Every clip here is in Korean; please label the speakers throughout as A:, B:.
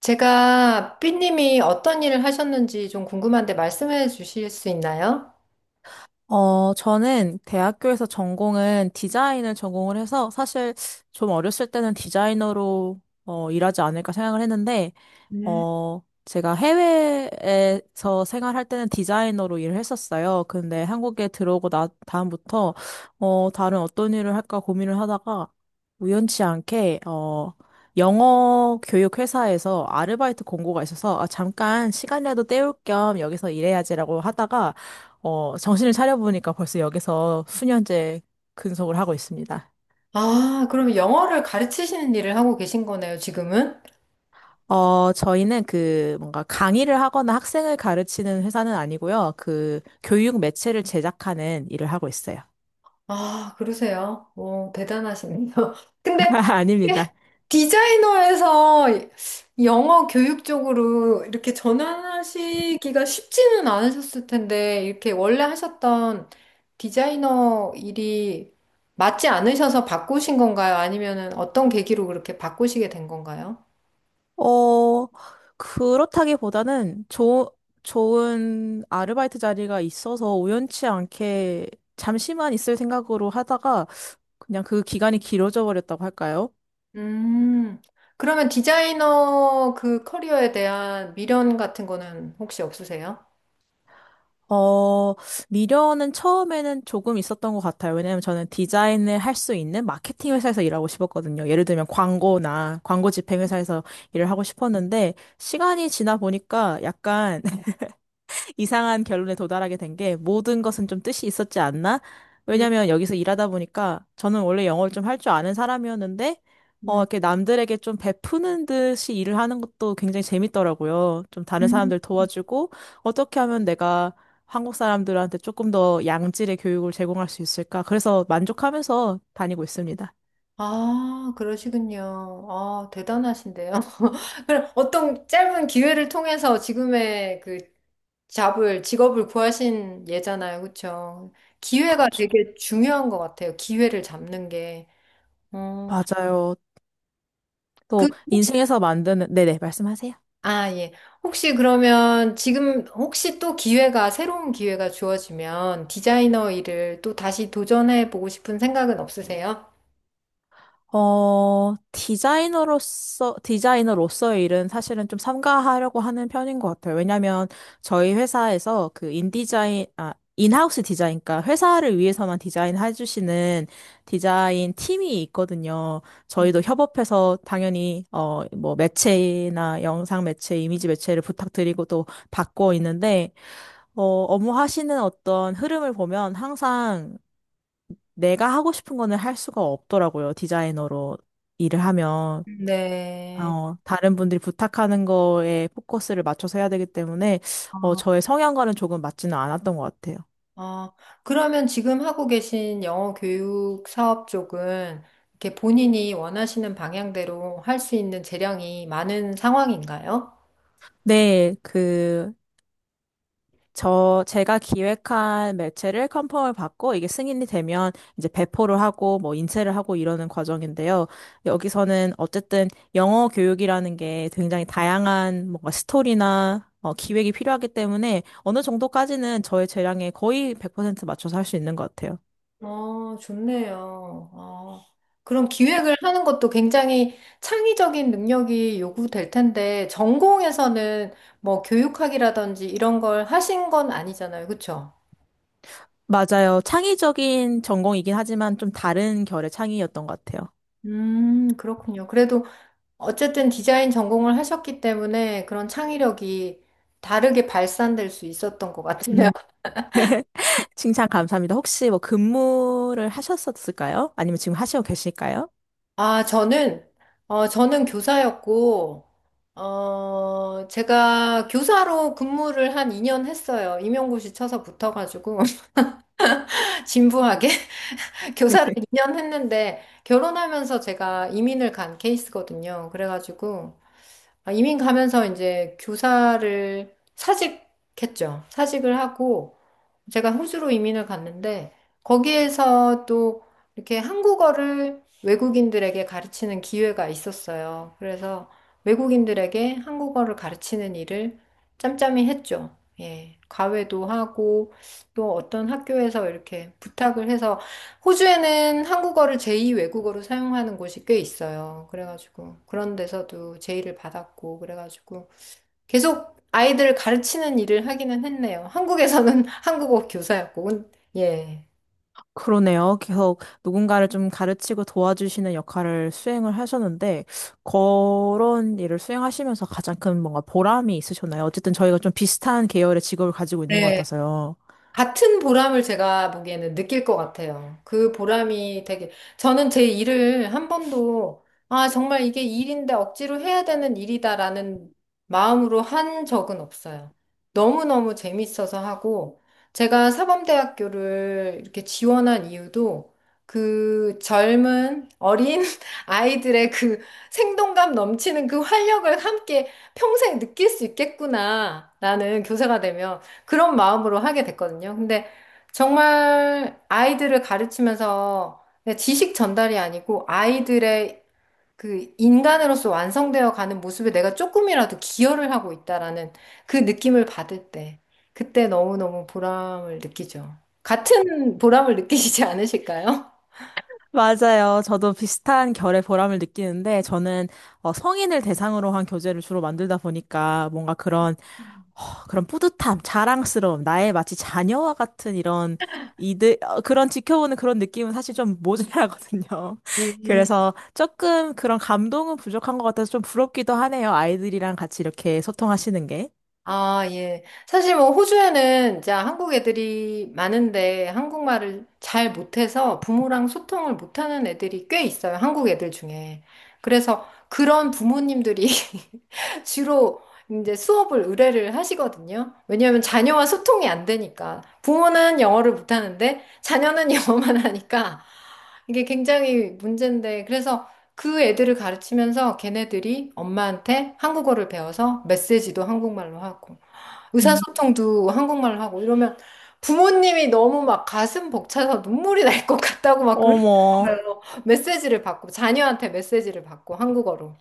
A: 제가 삐님이 어떤 일을 하셨는지 좀 궁금한데 말씀해 주실 수 있나요?
B: 저는 대학교에서 전공은 디자인을 전공을 해서 사실 좀 어렸을 때는 디자이너로 일하지 않을까 생각을 했는데 제가 해외에서 생활할 때는 디자이너로 일을 했었어요. 근데 한국에 들어오고 다음부터, 다른 어떤 일을 할까 고민을 하다가 우연치 않게, 영어 교육 회사에서 아르바이트 공고가 있어서, 아, 잠깐 시간이라도 때울 겸 여기서 일해야지라고 하다가, 정신을 차려보니까 벌써 여기서 수년째 근속을 하고 있습니다.
A: 아, 그럼 영어를 가르치시는 일을 하고 계신 거네요, 지금은?
B: 저희는 그 뭔가 강의를 하거나 학생을 가르치는 회사는 아니고요. 그 교육 매체를 제작하는 일을 하고 있어요.
A: 아, 그러세요. 오, 대단하시네요. 근데
B: 아닙니다.
A: 디자이너에서 영어 교육 쪽으로 이렇게 전환하시기가 쉽지는 않으셨을 텐데, 이렇게 원래 하셨던 디자이너 일이 맞지 않으셔서 바꾸신 건가요? 아니면은 어떤 계기로 그렇게 바꾸시게 된 건가요?
B: 어, 그렇다기보다는 좋은 아르바이트 자리가 있어서 우연치 않게 잠시만 있을 생각으로 하다가 그냥 그 기간이 길어져 버렸다고 할까요?
A: 음, 그러면 디자이너 그 커리어에 대한 미련 같은 거는 혹시 없으세요?
B: 어, 미련은 처음에는 조금 있었던 것 같아요. 왜냐면 저는 디자인을 할 수 있는 마케팅 회사에서 일하고 싶었거든요. 예를 들면 광고나 광고 집행 회사에서 일을 하고 싶었는데 시간이 지나 보니까 약간 이상한 결론에 도달하게 된 게 모든 것은 좀 뜻이 있었지 않나?
A: 음,
B: 왜냐면 여기서 일하다 보니까 저는 원래 영어를 좀 할 줄 아는 사람이었는데
A: 음,
B: 이렇게 남들에게 좀 베푸는 듯이 일을 하는 것도 굉장히 재밌더라고요. 좀 다른
A: 음.
B: 사람들 도와주고 어떻게 하면 내가 한국 사람들한테 조금 더 양질의 교육을 제공할 수 있을까? 그래서 만족하면서 다니고 있습니다.
A: 아, 그러시군요. 아, 대단하신데요. 그럼 어떤 짧은 기회를 통해서 지금의 그 잡을, 직업을 구하신 예잖아요. 그쵸? 기회가
B: 그렇죠.
A: 되게 중요한 것 같아요. 기회를 잡는 게. 어,
B: 맞아요.
A: 그,
B: 또 인생에서 만드는 네네 말씀하세요.
A: 아, 예. 혹시 그러면 지금 혹시 또 기회가, 새로운 기회가 주어지면 디자이너 일을 또 다시 도전해 보고 싶은 생각은 없으세요?
B: 디자이너로서의 일은 사실은 좀 삼가하려고 하는 편인 것 같아요. 왜냐면 저희 회사에서 인하우스 디자인, 그러니까 회사를 위해서만 디자인해 주시는 디자인 팀이 있거든요. 저희도 협업해서 당연히, 뭐 매체나 영상 매체, 이미지 매체를 부탁드리고 또 받고 있는데, 어, 업무 하시는 어떤 흐름을 보면 항상 내가 하고 싶은 거는 할 수가 없더라고요. 디자이너로 일을 하면.
A: 네.
B: 다른 분들이 부탁하는 거에 포커스를 맞춰서 해야 되기 때문에, 저의 성향과는 조금 맞지는 않았던 것 같아요.
A: 어, 그러면 지금 하고 계신 영어 교육 사업 쪽은 이렇게 본인이 원하시는 방향대로 할 수 있는 재량이 많은 상황인가요?
B: 네, 그, 제가 기획한 매체를 컨펌을 받고 이게 승인이 되면 이제 배포를 하고 뭐 인쇄를 하고 이러는 과정인데요. 여기서는 어쨌든 영어 교육이라는 게 굉장히 다양한 뭔가 스토리나 기획이 필요하기 때문에 어느 정도까지는 저의 재량에 거의 100% 맞춰서 할 수 있는 것 같아요.
A: 어, 좋네요. 그럼 기획을 하는 것도 굉장히 창의적인 능력이 요구될 텐데, 전공에서는 뭐 교육학이라든지 이런 걸 하신 건 아니잖아요. 그쵸?
B: 맞아요. 창의적인 전공이긴 하지만 좀 다른 결의 창의였던 것 같아요.
A: 그렇군요. 그래도 어쨌든 디자인 전공을 하셨기 때문에 그런 창의력이 다르게 발산될 수 있었던 것 같아요.
B: 음, 칭찬 감사합니다. 혹시 뭐 근무를 하셨었을까요? 아니면 지금 하시고 계실까요?
A: 아, 저는 교사였고, 제가 교사로 근무를 한 2년 했어요. 임용고시 쳐서 붙어가지고, 진부하게 교사를 2년 했는데, 결혼하면서 제가 이민을 간 케이스거든요. 그래가지고, 아, 이민 가면서 이제 교사를 사직했죠. 사직을 하고, 제가 호주로 이민을 갔는데 거기에서 또 이렇게 한국어를 외국인들에게 가르치는 기회가 있었어요. 그래서 외국인들에게 한국어를 가르치는 일을 짬짬이 했죠. 예. 과외도 하고 또 어떤 학교에서 이렇게 부탁을 해서 호주에는 한국어를 제2 외국어로 사용하는 곳이 꽤 있어요. 그래가지고 그런 데서도 제의를 받았고 그래가지고 계속 아이들을 가르치는 일을 하기는 했네요. 한국에서는 한국어 교사였고, 예.
B: 그러네요. 계속 누군가를 좀 가르치고 도와주시는 역할을 수행을 하셨는데, 그런 일을 수행하시면서 가장 큰 뭔가 보람이 있으셨나요? 어쨌든 저희가 좀 비슷한 계열의 직업을 가지고 있는 것 같아서요.
A: 같은 보람을 제가 보기에는 느낄 것 같아요. 그 보람이 되게, 저는 제 일을 한 번도, 아, 정말 이게 일인데 억지로 해야 되는 일이다라는 마음으로 한 적은 없어요. 너무너무 재밌어서 하고, 제가 사범대학교를 이렇게 지원한 이유도 그 젊은 어린 아이들의 그 생동감 넘치는 그 활력을 함께 평생 느낄 수 있겠구나. 나는 교사가 되면. 그런 마음으로 하게 됐거든요. 근데 정말 아이들을 가르치면서 그냥 지식 전달이 아니고 아이들의 그 인간으로서 완성되어 가는 모습에 내가 조금이라도 기여를 하고 있다라는 그 느낌을 받을 때, 그때 너무너무 보람을 느끼죠. 같은 보람을 느끼시지 않으실까요?
B: 맞아요. 저도 비슷한 결의 보람을 느끼는데 저는 성인을 대상으로 한 교재를 주로 만들다 보니까 뭔가 그런 어, 그런 뿌듯함, 자랑스러움, 나의 마치 자녀와 같은 이런 이들 그런 지켜보는 그런 느낌은 사실 좀 모자라거든요. 그래서 조금 그런 감동은 부족한 것 같아서 좀 부럽기도 하네요. 아이들이랑 같이 이렇게 소통하시는 게.
A: 아, 예. 사실 뭐 호주에는 이제 한국 애들이 많은데 한국말을 잘 못해서 부모랑 소통을 못하는 애들이 꽤 있어요. 한국 애들 중에. 그래서 그런 부모님들이 주로 이제 수업을 의뢰를 하시거든요. 왜냐하면 자녀와 소통이 안 되니까. 부모는 영어를 못하는데 자녀는 영어만 하니까 이게 굉장히 문제인데. 그래서 그 애들을 가르치면서 걔네들이 엄마한테 한국어를 배워서 메시지도 한국말로 하고
B: 음.
A: 의사소통도 한국말로 하고 이러면 부모님이 너무 막 가슴 벅차서 눈물이 날 것 같다고 막
B: 어머.
A: 그러시더라고요. 메시지를 받고 자녀한테 메시지를 받고 한국어로.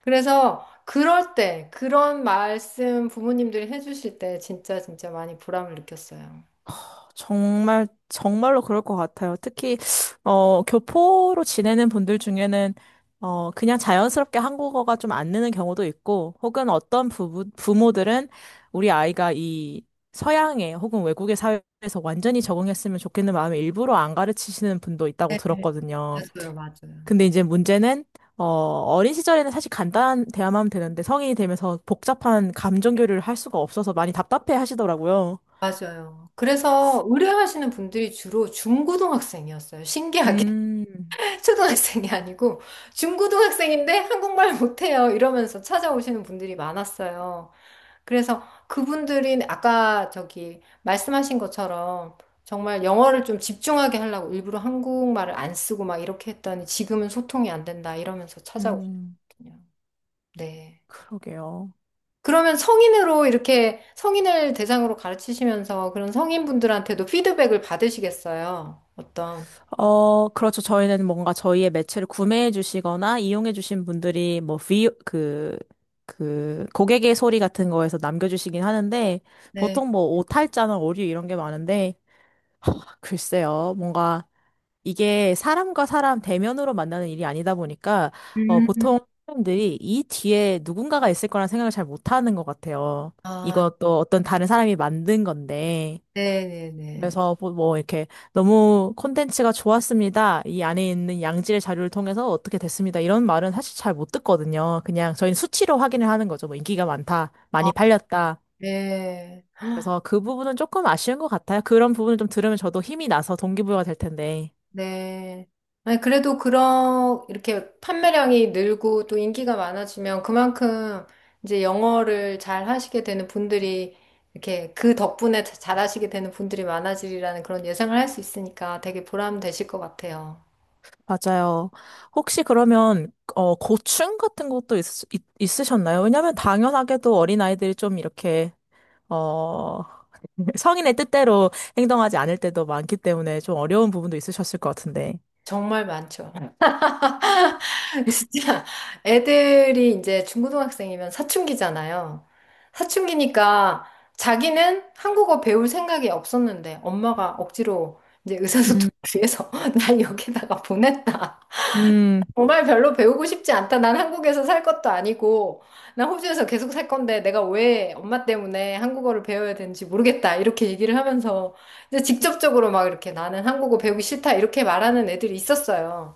A: 그래서 그럴 때 그런 말씀 부모님들이 해주실 때 진짜 진짜 많이 보람을 느꼈어요.
B: 정말, 정말로 그럴 것 같아요. 특히, 교포로 지내는 분들 중에는, 그냥 자연스럽게 한국어가 좀 안 느는 경우도 있고, 혹은 어떤 부모들은 우리 아이가 이 서양의 혹은 외국의 사회에서 완전히 적응했으면 좋겠는 마음에 일부러 안 가르치시는 분도 있다고
A: 네,
B: 들었거든요.
A: 맞아요, 맞아요.
B: 근데 이제 문제는, 어린 시절에는 사실 간단한 대화만 하면 되는데, 성인이 되면서 복잡한 감정 교류를 할 수가 없어서 많이 답답해 하시더라고요.
A: 맞아요. 그래서 의뢰하시는 분들이 주로 중고등학생이었어요. 신기하게.
B: 음,
A: 초등학생이 아니고 중고등학생인데 한국말 못해요. 이러면서 찾아오시는 분들이 많았어요. 그래서 그분들이 아까 저기 말씀하신 것처럼 정말 영어를 좀 집중하게 하려고 일부러 한국말을 안 쓰고 막 이렇게 했더니 지금은 소통이 안 된다 이러면서
B: 음.
A: 찾아오셨거든요. 네.
B: 그러게요.
A: 그러면 성인으로 이렇게 성인을 대상으로 가르치시면서 그런 성인분들한테도 피드백을 받으시겠어요? 어떤?
B: 그렇죠. 저희는 뭔가 저희의 매체를 구매해 주시거나 이용해 주신 분들이 고객의 소리 같은 거에서 남겨주시긴 하는데,
A: 네.
B: 보통 뭐, 오탈자나 오류 이런 게 많은데, 글쎄요. 뭔가 이게 사람과 사람 대면으로 만나는 일이 아니다 보니까,
A: 음.
B: 보통 사람들이 이 뒤에 누군가가 있을 거란 생각을 잘 못하는 것 같아요.
A: 아,
B: 이것도 어떤 다른 사람이 만든 건데,
A: 네네네.
B: 그래서 뭐 이렇게 너무 콘텐츠가 좋았습니다. 이 안에 있는 양질의 자료를 통해서 어떻게 됐습니다. 이런 말은 사실 잘 못 듣거든요. 그냥 저희는 수치로 확인을 하는 거죠. 뭐 인기가 많다,
A: 아,
B: 많이 팔렸다.
A: 네. 헉,
B: 그래서 그 부분은 조금 아쉬운 것 같아요. 그런 부분을 좀 들으면 저도 힘이 나서 동기부여가 될 텐데.
A: 네. 아니, 그래도 그런, 이렇게 판매량이 늘고 또 인기가 많아지면 그만큼 이제 영어를 잘 하시게 되는 분들이 이렇게 그 덕분에 잘 하시게 되는 분들이 많아지리라는 그런 예상을 할 수 있으니까 되게 보람 되실 것 같아요.
B: 맞아요. 혹시 그러면 고충 같은 것도 있으셨나요? 왜냐하면 당연하게도 어린아이들이 좀 이렇게 어, 성인의 뜻대로 행동하지 않을 때도 많기 때문에 좀 어려운 부분도 있으셨을 것 같은데.
A: 정말 많죠. 진짜 애들이 이제 중고등학생이면 사춘기잖아요. 사춘기니까 자기는 한국어 배울 생각이 없었는데 엄마가 억지로 이제 의사소통을
B: 음,
A: 위해서 날 여기다가 보냈다.
B: 음,
A: 정말 별로 배우고 싶지 않다. 난 한국에서 살 것도 아니고, 난 호주에서 계속 살 건데, 내가 왜 엄마 때문에 한국어를 배워야 되는지 모르겠다. 이렇게 얘기를 하면서, 이제 직접적으로 막 이렇게 나는 한국어 배우기 싫다. 이렇게 말하는 애들이 있었어요.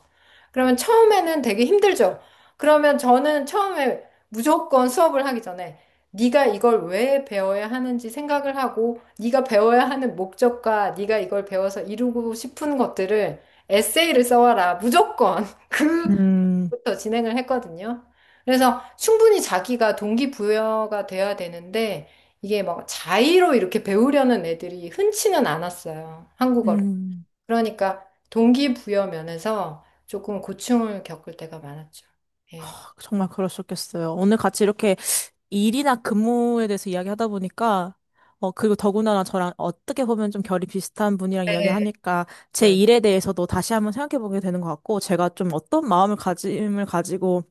A: 그러면 처음에는 되게 힘들죠. 그러면 저는 처음에 무조건 수업을 하기 전에 네가 이걸 왜 배워야 하는지 생각을 하고 네가 배워야 하는 목적과 네가 이걸 배워서 이루고 싶은 것들을 에세이를 써와라. 무조건 그
B: 음,
A: 부터 진행을 했거든요. 그래서 충분히 자기가 동기부여가 돼야 되는데 이게 막 자의로 이렇게 배우려는 애들이 흔치는 않았어요. 한국어를.
B: 음.
A: 그러니까 동기부여 면에서 조금 고충을 겪을 때가 많았죠. 예.
B: 정말 그러셨겠어요. 오늘 같이 이렇게 일이나 근무에 대해서 이야기하다 보니까, 그리고 더군다나 저랑 어떻게 보면 좀 결이 비슷한 분이랑
A: 네.
B: 이야기하니까 제
A: 네.
B: 일에 대해서도 다시 한번 생각해보게 되는 것 같고, 제가 좀 어떤 마음을 가짐을 가지고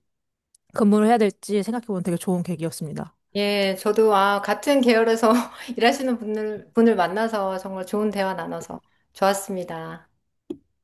B: 근무를 해야 될지 생각해보는 되게 좋은 계기였습니다.
A: 예, 저도 아, 같은 계열에서 일하시는 분을 만나서 정말 좋은 대화 나눠서 좋았습니다.